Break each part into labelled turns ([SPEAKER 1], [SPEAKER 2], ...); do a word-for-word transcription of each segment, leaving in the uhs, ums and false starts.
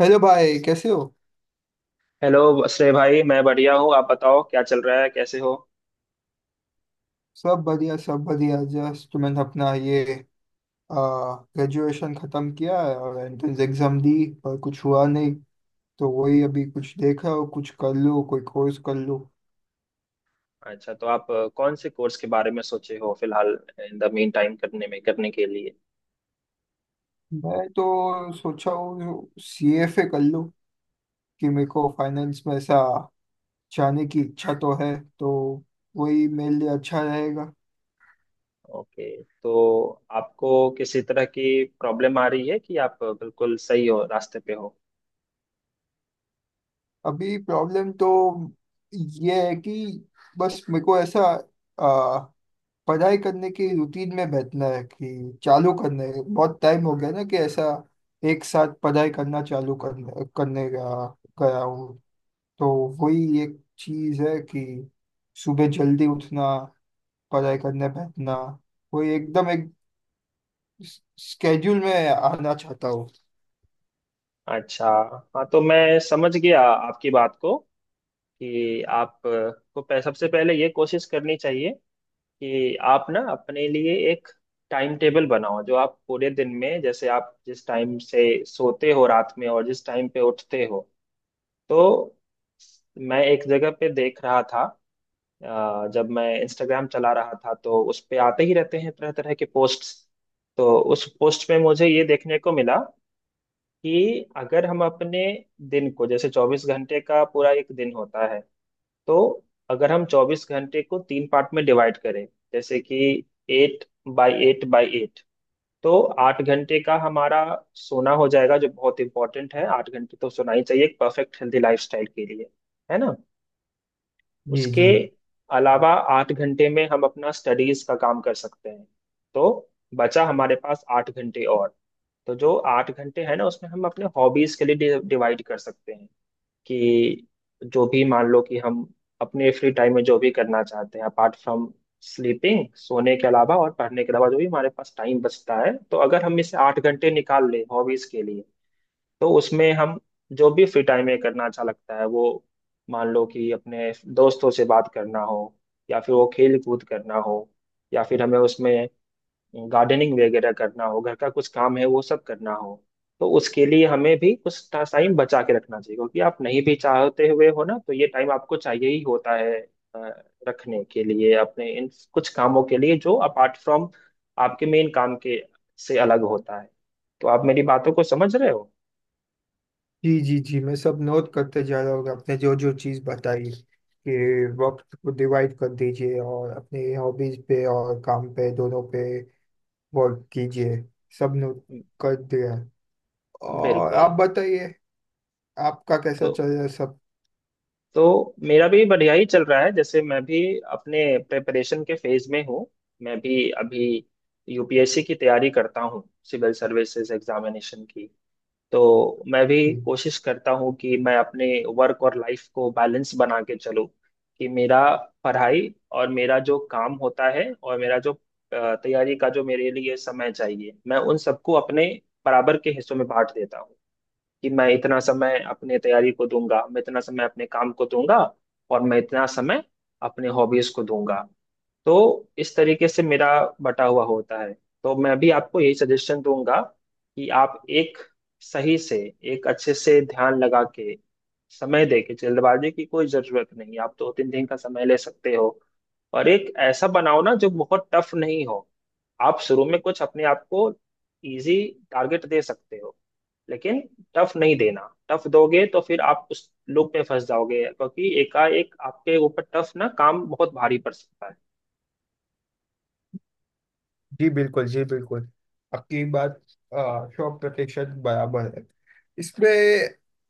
[SPEAKER 1] Hello भाई कैसे हो?
[SPEAKER 2] हेलो श्रेय भाई, मैं बढ़िया हूँ। आप बताओ, क्या चल रहा है? कैसे हो?
[SPEAKER 1] सब बढ़िया सब बढ़िया। जस्ट मैंने अपना ये ग्रेजुएशन ख़त्म किया है और एंट्रेंस एग्ज़ाम दी पर कुछ हुआ नहीं। तो वही अभी कुछ देख रहा हूँ, कुछ कर लूँ, कोई कोर्स कर लूँ।
[SPEAKER 2] अच्छा, तो आप अ, कौन से कोर्स के बारे में सोचे हो फिलहाल, इन द मीन टाइम करने में, करने के लिए?
[SPEAKER 1] मैं तो सोचा हूँ सी एफ ए कर लूँ, कि मेरे को फाइनेंस में ऐसा जाने की इच्छा तो है, तो वही मेरे लिए अच्छा रहेगा।
[SPEAKER 2] ओके, तो आपको किसी तरह की प्रॉब्लम आ रही है कि आप बिल्कुल सही हो, रास्ते पे हो?
[SPEAKER 1] अभी प्रॉब्लम तो ये है कि बस मेरे को ऐसा पढ़ाई करने की रूटीन में बैठना है, कि चालू करने बहुत टाइम हो गया ना, कि ऐसा एक साथ पढ़ाई करना चालू करने करने गया गया हूँ। तो वही एक चीज है कि सुबह जल्दी उठना, पढ़ाई करने बैठना, वही एकदम एक स्केड्यूल में आना चाहता हूँ।
[SPEAKER 2] अच्छा। हाँ, तो मैं समझ गया आपकी बात को कि आप अ, को पह- सबसे पहले ये कोशिश करनी चाहिए कि आप ना अपने लिए एक टाइम टेबल बनाओ, जो आप पूरे दिन में, जैसे आप जिस टाइम से सोते हो रात में और जिस टाइम पे उठते हो। तो मैं एक जगह पे देख रहा था, अ, जब मैं इंस्टाग्राम चला रहा था, तो उस पे आते ही रहते हैं तरह तरह के पोस्ट्स। तो उस पोस्ट में मुझे ये देखने को मिला कि अगर हम अपने दिन को, जैसे चौबीस घंटे का पूरा एक दिन होता है, तो अगर हम चौबीस घंटे को तीन पार्ट में डिवाइड करें, जैसे कि eight by eight by eight, तो आठ घंटे का हमारा सोना हो जाएगा, जो बहुत इंपॉर्टेंट है। आठ घंटे तो सोना ही चाहिए एक परफेक्ट हेल्दी लाइफस्टाइल के लिए, है ना।
[SPEAKER 1] जी,
[SPEAKER 2] उसके
[SPEAKER 1] जी,
[SPEAKER 2] अलावा, आठ घंटे में हम अपना स्टडीज का काम कर सकते हैं। तो बचा हमारे पास आठ घंटे और। तो जो आठ घंटे है ना, उसमें हम अपने हॉबीज के लिए डिवाइड कर सकते हैं, कि जो भी, मान लो कि हम अपने फ्री टाइम में जो भी करना चाहते हैं, अपार्ट फ्रॉम स्लीपिंग, सोने के अलावा और पढ़ने के अलावा जो भी हमारे पास टाइम बचता है, तो अगर हम इसे आठ घंटे निकाल लें हॉबीज के लिए, तो उसमें हम जो भी फ्री टाइम में करना अच्छा लगता है, वो, मान लो कि अपने दोस्तों से बात करना हो, या फिर वो खेल कूद करना हो, या फिर हमें उसमें गार्डनिंग वगैरह करना हो, घर का कुछ काम है वो सब करना हो, तो उसके लिए हमें भी कुछ टाइम बचा के रखना चाहिए, क्योंकि आप नहीं भी चाहते हुए हो ना, तो ये टाइम आपको चाहिए ही होता है अ, रखने के लिए, अपने इन कुछ कामों के लिए, जो अपार्ट फ्रॉम आपके मेन काम के, से अलग होता है। तो आप मेरी बातों को समझ रहे हो?
[SPEAKER 1] जी, जी, जी। मैं सब नोट करते जा रहा हूँ आपने जो जो चीज़ बताई, कि वक्त को डिवाइड कर दीजिए और अपनी हॉबीज पे और काम पे दोनों पे वर्क कीजिए। सब ने कर दिया। और
[SPEAKER 2] बिल्कुल।
[SPEAKER 1] आप बताइए, आपका कैसा
[SPEAKER 2] तो
[SPEAKER 1] चल रहा है सब?
[SPEAKER 2] तो मेरा भी बढ़िया ही चल रहा है। जैसे मैं भी अपने प्रिपरेशन के फेज में हूँ। मैं भी अभी यूपीएससी की तैयारी करता हूँ, सिविल सर्विसेज एग्जामिनेशन की। तो मैं
[SPEAKER 1] जी,
[SPEAKER 2] भी कोशिश करता हूँ कि मैं अपने वर्क और लाइफ को बैलेंस बना के चलूँ, कि मेरा पढ़ाई और मेरा जो काम होता है और मेरा जो अ, तैयारी का जो मेरे लिए समय चाहिए, मैं उन सबको अपने बराबर के हिस्सों में बांट देता हूँ कि मैं इतना समय अपने तैयारी को दूंगा, मैं इतना समय अपने काम को दूंगा, और मैं इतना समय अपने हॉबीज को दूंगा। तो इस तरीके से मेरा बटा हुआ होता है। तो मैं भी आपको यही सजेशन दूंगा, कि आप एक सही से, एक अच्छे से ध्यान लगा के, समय दे के, जल्दबाजी की कोई जरूरत नहीं। आप दो तीन दिन का समय ले सकते हो, और एक ऐसा बनाओ ना जो बहुत टफ नहीं हो। आप शुरू में कुछ अपने आप को इजी टारगेट दे सकते हो, लेकिन टफ नहीं देना। टफ दोगे तो फिर आप उस लूप में फंस जाओगे, क्योंकि एकाएक आपके ऊपर टफ ना काम बहुत भारी पड़ सकता है।
[SPEAKER 1] जी, बिल्कुल। जी, बिल्कुल। आपकी बात अ, सौ प्रतिशत बराबर है। इसमें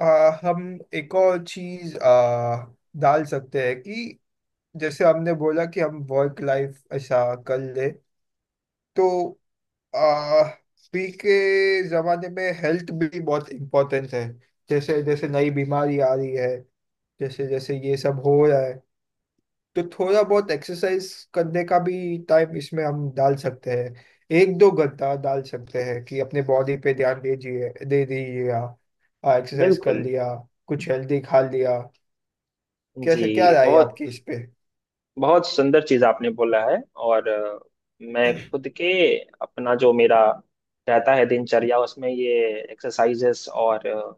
[SPEAKER 1] अ, हम एक और चीज अ, डाल सकते हैं, कि जैसे हमने बोला कि हम वर्क लाइफ ऐसा कर ले, तो अ, अभी के जमाने में हेल्थ भी बहुत इम्पोर्टेंट है। जैसे जैसे नई बीमारी आ रही है, जैसे जैसे ये सब हो रहा है, तो थोड़ा बहुत एक्सरसाइज करने का भी टाइम इसमें हम डाल सकते हैं। एक दो घंटा डाल सकते हैं कि अपने बॉडी पे ध्यान दीजिए, दे दीजिएगा। एक्सरसाइज कर
[SPEAKER 2] बिल्कुल।
[SPEAKER 1] लिया, कुछ हेल्दी खा लिया।
[SPEAKER 2] जी,
[SPEAKER 1] कैसे, क्या राय है
[SPEAKER 2] बहुत
[SPEAKER 1] आपकी इस पे?
[SPEAKER 2] बहुत सुंदर चीज आपने बोला है। और अ, मैं खुद के, अपना जो मेरा रहता है दिनचर्या, उसमें ये एक्सरसाइजेस और अ,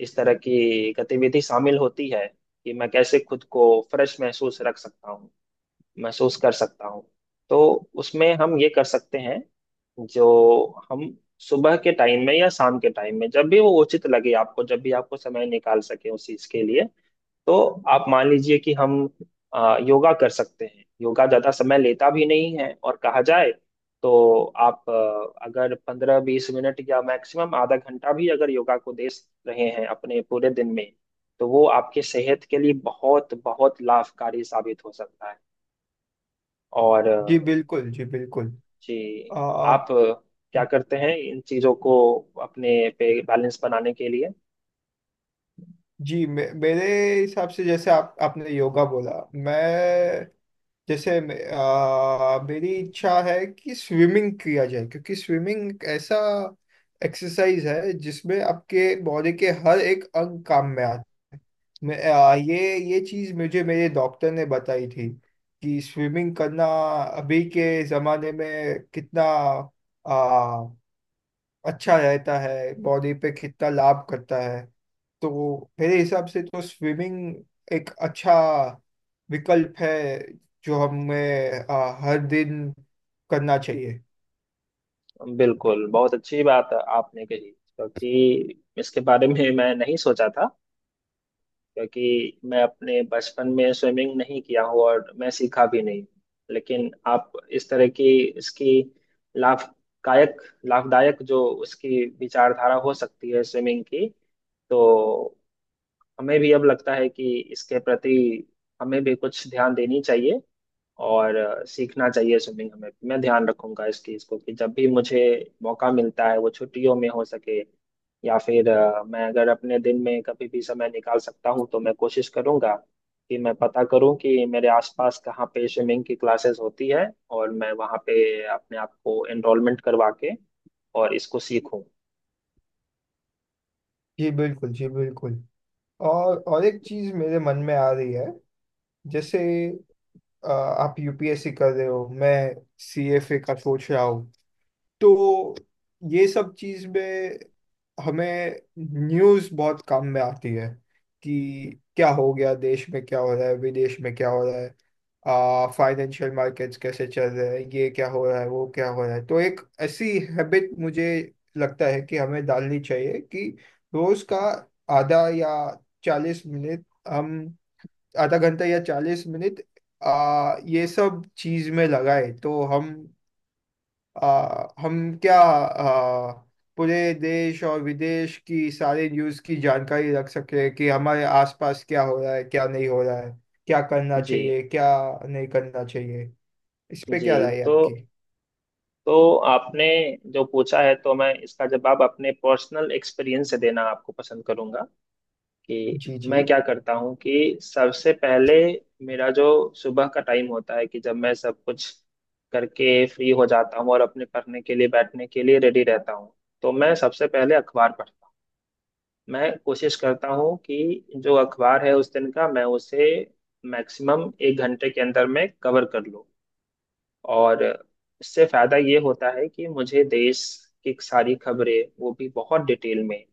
[SPEAKER 2] इस तरह की गतिविधि शामिल होती है, कि मैं कैसे खुद को फ्रेश महसूस रख सकता हूँ, महसूस कर सकता हूँ। तो उसमें हम ये कर सकते हैं, जो हम सुबह के टाइम में या शाम के टाइम में, जब भी वो उचित लगे आपको, जब भी आपको समय निकाल सके उस चीज के लिए। तो आप मान लीजिए कि हम अ, योगा कर सकते हैं। योगा ज्यादा समय लेता भी नहीं है, और कहा जाए तो आप, अ, अगर पंद्रह बीस मिनट या मैक्सिमम आधा घंटा भी अगर योगा को दे रहे हैं अपने पूरे दिन में, तो वो आपके सेहत के लिए बहुत बहुत लाभकारी साबित हो सकता है। और
[SPEAKER 1] जी
[SPEAKER 2] अ,
[SPEAKER 1] बिल्कुल, जी बिल्कुल।
[SPEAKER 2] जी।
[SPEAKER 1] आ,
[SPEAKER 2] आप अ, क्या करते हैं इन चीज़ों को अपने पे बैलेंस बनाने के लिए?
[SPEAKER 1] जी, मे, मेरे हिसाब से जैसे आप आपने योगा बोला, मैं जैसे मे- आ, मेरी इच्छा है कि स्विमिंग किया जाए, क्योंकि स्विमिंग एक ऐसा एक्सरसाइज है जिसमें आपके बॉडी के हर एक अंग काम में आता है। मैं आ, ये ये चीज मुझे मेरे डॉक्टर ने बताई थी, कि स्विमिंग करना अभी के जमाने में कितना आ, अच्छा रहता है, बॉडी पे कितना लाभ करता है। तो मेरे हिसाब से तो स्विमिंग एक अच्छा विकल्प है जो हमें आ, हर दिन करना चाहिए।
[SPEAKER 2] बिल्कुल, बहुत अच्छी बात आपने कही, क्योंकि इसके बारे में मैं नहीं सोचा था। क्योंकि मैं अपने बचपन में स्विमिंग नहीं किया हूँ, और मैं सीखा भी नहीं। लेकिन आप, इस तरह की, इसकी लाभदायक, लाभदायक जो उसकी विचारधारा हो सकती है स्विमिंग की, तो हमें भी अब लगता है कि इसके प्रति हमें भी कुछ ध्यान देनी चाहिए, और अ, सीखना चाहिए स्विमिंग हमें। मैं ध्यान रखूंगा इस चीज को कि जब भी मुझे मौका मिलता है, वो छुट्टियों में हो सके, या फिर अ, मैं अगर अपने दिन में कभी भी समय निकाल सकता हूँ, तो मैं कोशिश करूंगा कि मैं पता करूं कि मेरे आसपास कहाँ पे स्विमिंग की क्लासेस होती है, और मैं वहाँ पे अपने आप को एनरोलमेंट करवा के, और इसको सीखूं।
[SPEAKER 1] जी बिल्कुल, जी बिल्कुल। और और एक चीज मेरे मन में आ रही है। जैसे आ, आप यू पी एस सी कर रहे हो, मैं सी एफ ए का सोच रहा हूँ, तो ये सब चीज में हमें न्यूज़ बहुत काम में आती है, कि क्या हो गया देश में, क्या हो रहा है विदेश में, क्या हो रहा है। आ, फाइनेंशियल मार्केट्स कैसे चल रहे हैं, ये क्या हो रहा है, वो क्या हो रहा है। तो एक ऐसी हैबिट मुझे लगता है कि हमें डालनी चाहिए, कि रोज का आधा या चालीस मिनट हम, आधा घंटा या चालीस मिनट आ, ये सब चीज में लगाए, तो हम आ, हम क्या आ, पूरे देश और विदेश की सारी न्यूज़ की जानकारी रख सके, कि हमारे आसपास क्या हो रहा है, क्या नहीं हो रहा है, क्या करना
[SPEAKER 2] जी।
[SPEAKER 1] चाहिए, क्या नहीं करना चाहिए। इस पे
[SPEAKER 2] जी।
[SPEAKER 1] क्या राय है
[SPEAKER 2] तो
[SPEAKER 1] आपकी?
[SPEAKER 2] तो आपने जो पूछा है, तो मैं इसका जवाब अपने पर्सनल एक्सपीरियंस से देना आपको पसंद करूंगा, कि
[SPEAKER 1] जी, जी,
[SPEAKER 2] मैं क्या करता हूँ, कि सबसे पहले मेरा जो सुबह का टाइम होता है, कि जब मैं सब कुछ करके फ्री हो जाता हूँ और अपने पढ़ने के लिए, बैठने के लिए रेडी रहता हूँ, तो मैं सबसे पहले अखबार पढ़ता हूँ। मैं कोशिश करता हूँ कि जो अखबार है उस दिन का, मैं उसे मैक्सिमम एक घंटे के अंदर में कवर कर लूँ। और उससे फायदा ये होता है कि मुझे देश की सारी खबरें, वो भी बहुत डिटेल में।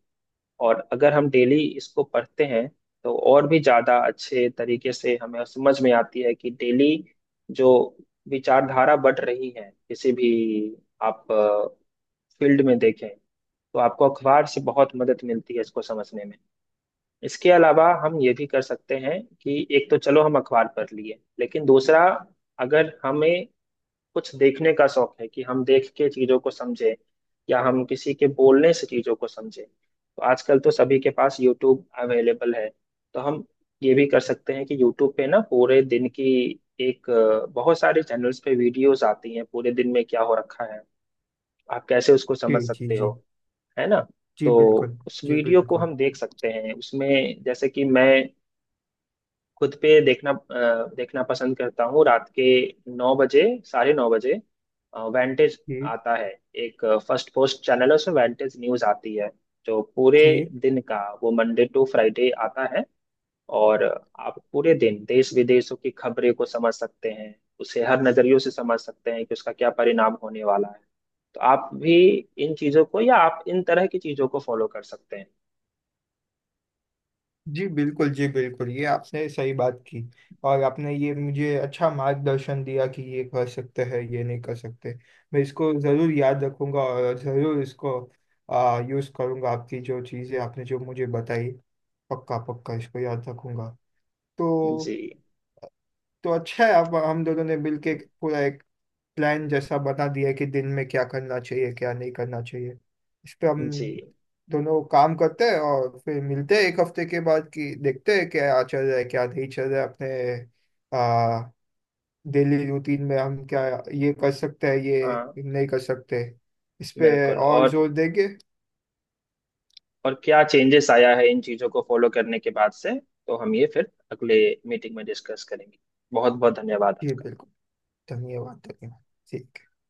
[SPEAKER 2] और अगर हम डेली इसको पढ़ते हैं, तो और भी ज्यादा अच्छे तरीके से हमें समझ में आती है कि डेली जो विचारधारा बढ़ रही है, किसी भी आप फील्ड में देखें, तो आपको अखबार से बहुत मदद मिलती है इसको समझने में। इसके अलावा हम ये भी कर सकते हैं कि, एक तो चलो हम अखबार पढ़ लिए, लेकिन दूसरा, अगर हमें कुछ देखने का शौक है, कि हम देख के चीजों को समझें, या हम किसी के बोलने से चीजों को समझें, तो आजकल तो सभी के पास यूट्यूब अवेलेबल है। तो हम ये भी कर सकते हैं कि यूट्यूब पे ना, पूरे दिन की एक, अ, बहुत सारे चैनल्स पे वीडियोस आती हैं पूरे दिन में क्या हो रखा है, आप कैसे उसको
[SPEAKER 1] जी,
[SPEAKER 2] समझ
[SPEAKER 1] जी,
[SPEAKER 2] सकते
[SPEAKER 1] जी।
[SPEAKER 2] हो, है ना।
[SPEAKER 1] जी
[SPEAKER 2] तो
[SPEAKER 1] बिल्कुल,
[SPEAKER 2] उस
[SPEAKER 1] जी
[SPEAKER 2] वीडियो को
[SPEAKER 1] बिल्कुल।
[SPEAKER 2] हम देख सकते हैं, उसमें जैसे कि मैं खुद पे देखना, अ, देखना पसंद करता हूँ रात के नौ बजे, साढ़े नौ बजे, वेंटेज
[SPEAKER 1] जी,
[SPEAKER 2] आता है। एक फर्स्ट पोस्ट चैनल है, उसमें वेंटेज न्यूज आती है, जो पूरे
[SPEAKER 1] जी,
[SPEAKER 2] दिन का, वो मंडे टू फ्राइडे आता है, और आप पूरे दिन देश विदेशों की खबरें को समझ सकते हैं, उसे हर नजरियों से समझ सकते हैं कि उसका क्या परिणाम होने वाला है। तो आप भी इन चीजों को, या आप इन तरह की चीजों को फॉलो कर सकते हैं।
[SPEAKER 1] जी बिल्कुल, जी बिल्कुल। ये आपने सही बात की। और आपने ये मुझे अच्छा मार्गदर्शन दिया कि ये कर सकते हैं, ये नहीं कर सकते। मैं इसको ज़रूर याद रखूंगा, और ज़रूर इसको आ, यूज़ करूंगा, आपकी जो चीज़ें आपने जो मुझे बताई। पक्का पक्का इसको याद रखूंगा। तो
[SPEAKER 2] जी।
[SPEAKER 1] तो अच्छा है, आप हम दोनों ने मिलके एक पूरा एक प्लान जैसा बना दिया है, कि दिन में क्या करना चाहिए, क्या नहीं करना चाहिए। इस पे हम
[SPEAKER 2] जी।
[SPEAKER 1] दोनों काम करते हैं, और फिर मिलते हैं एक हफ्ते के बाद, कि देखते हैं क्या चल रहा है, क्या नहीं चल रहा है अपने आ, डेली रूटीन में। हम क्या ये कर सकते हैं, ये
[SPEAKER 2] हाँ।
[SPEAKER 1] नहीं कर सकते, इस पे
[SPEAKER 2] बिल्कुल।
[SPEAKER 1] और
[SPEAKER 2] और
[SPEAKER 1] जोर देंगे।
[SPEAKER 2] और क्या चेंजेस आया है इन चीजों को फॉलो करने के बाद से, तो हम ये फिर अगले मीटिंग में डिस्कस करेंगे। बहुत बहुत धन्यवाद
[SPEAKER 1] जी
[SPEAKER 2] आपका।
[SPEAKER 1] बिल्कुल। धन्यवाद, धन्यवाद। ठीक।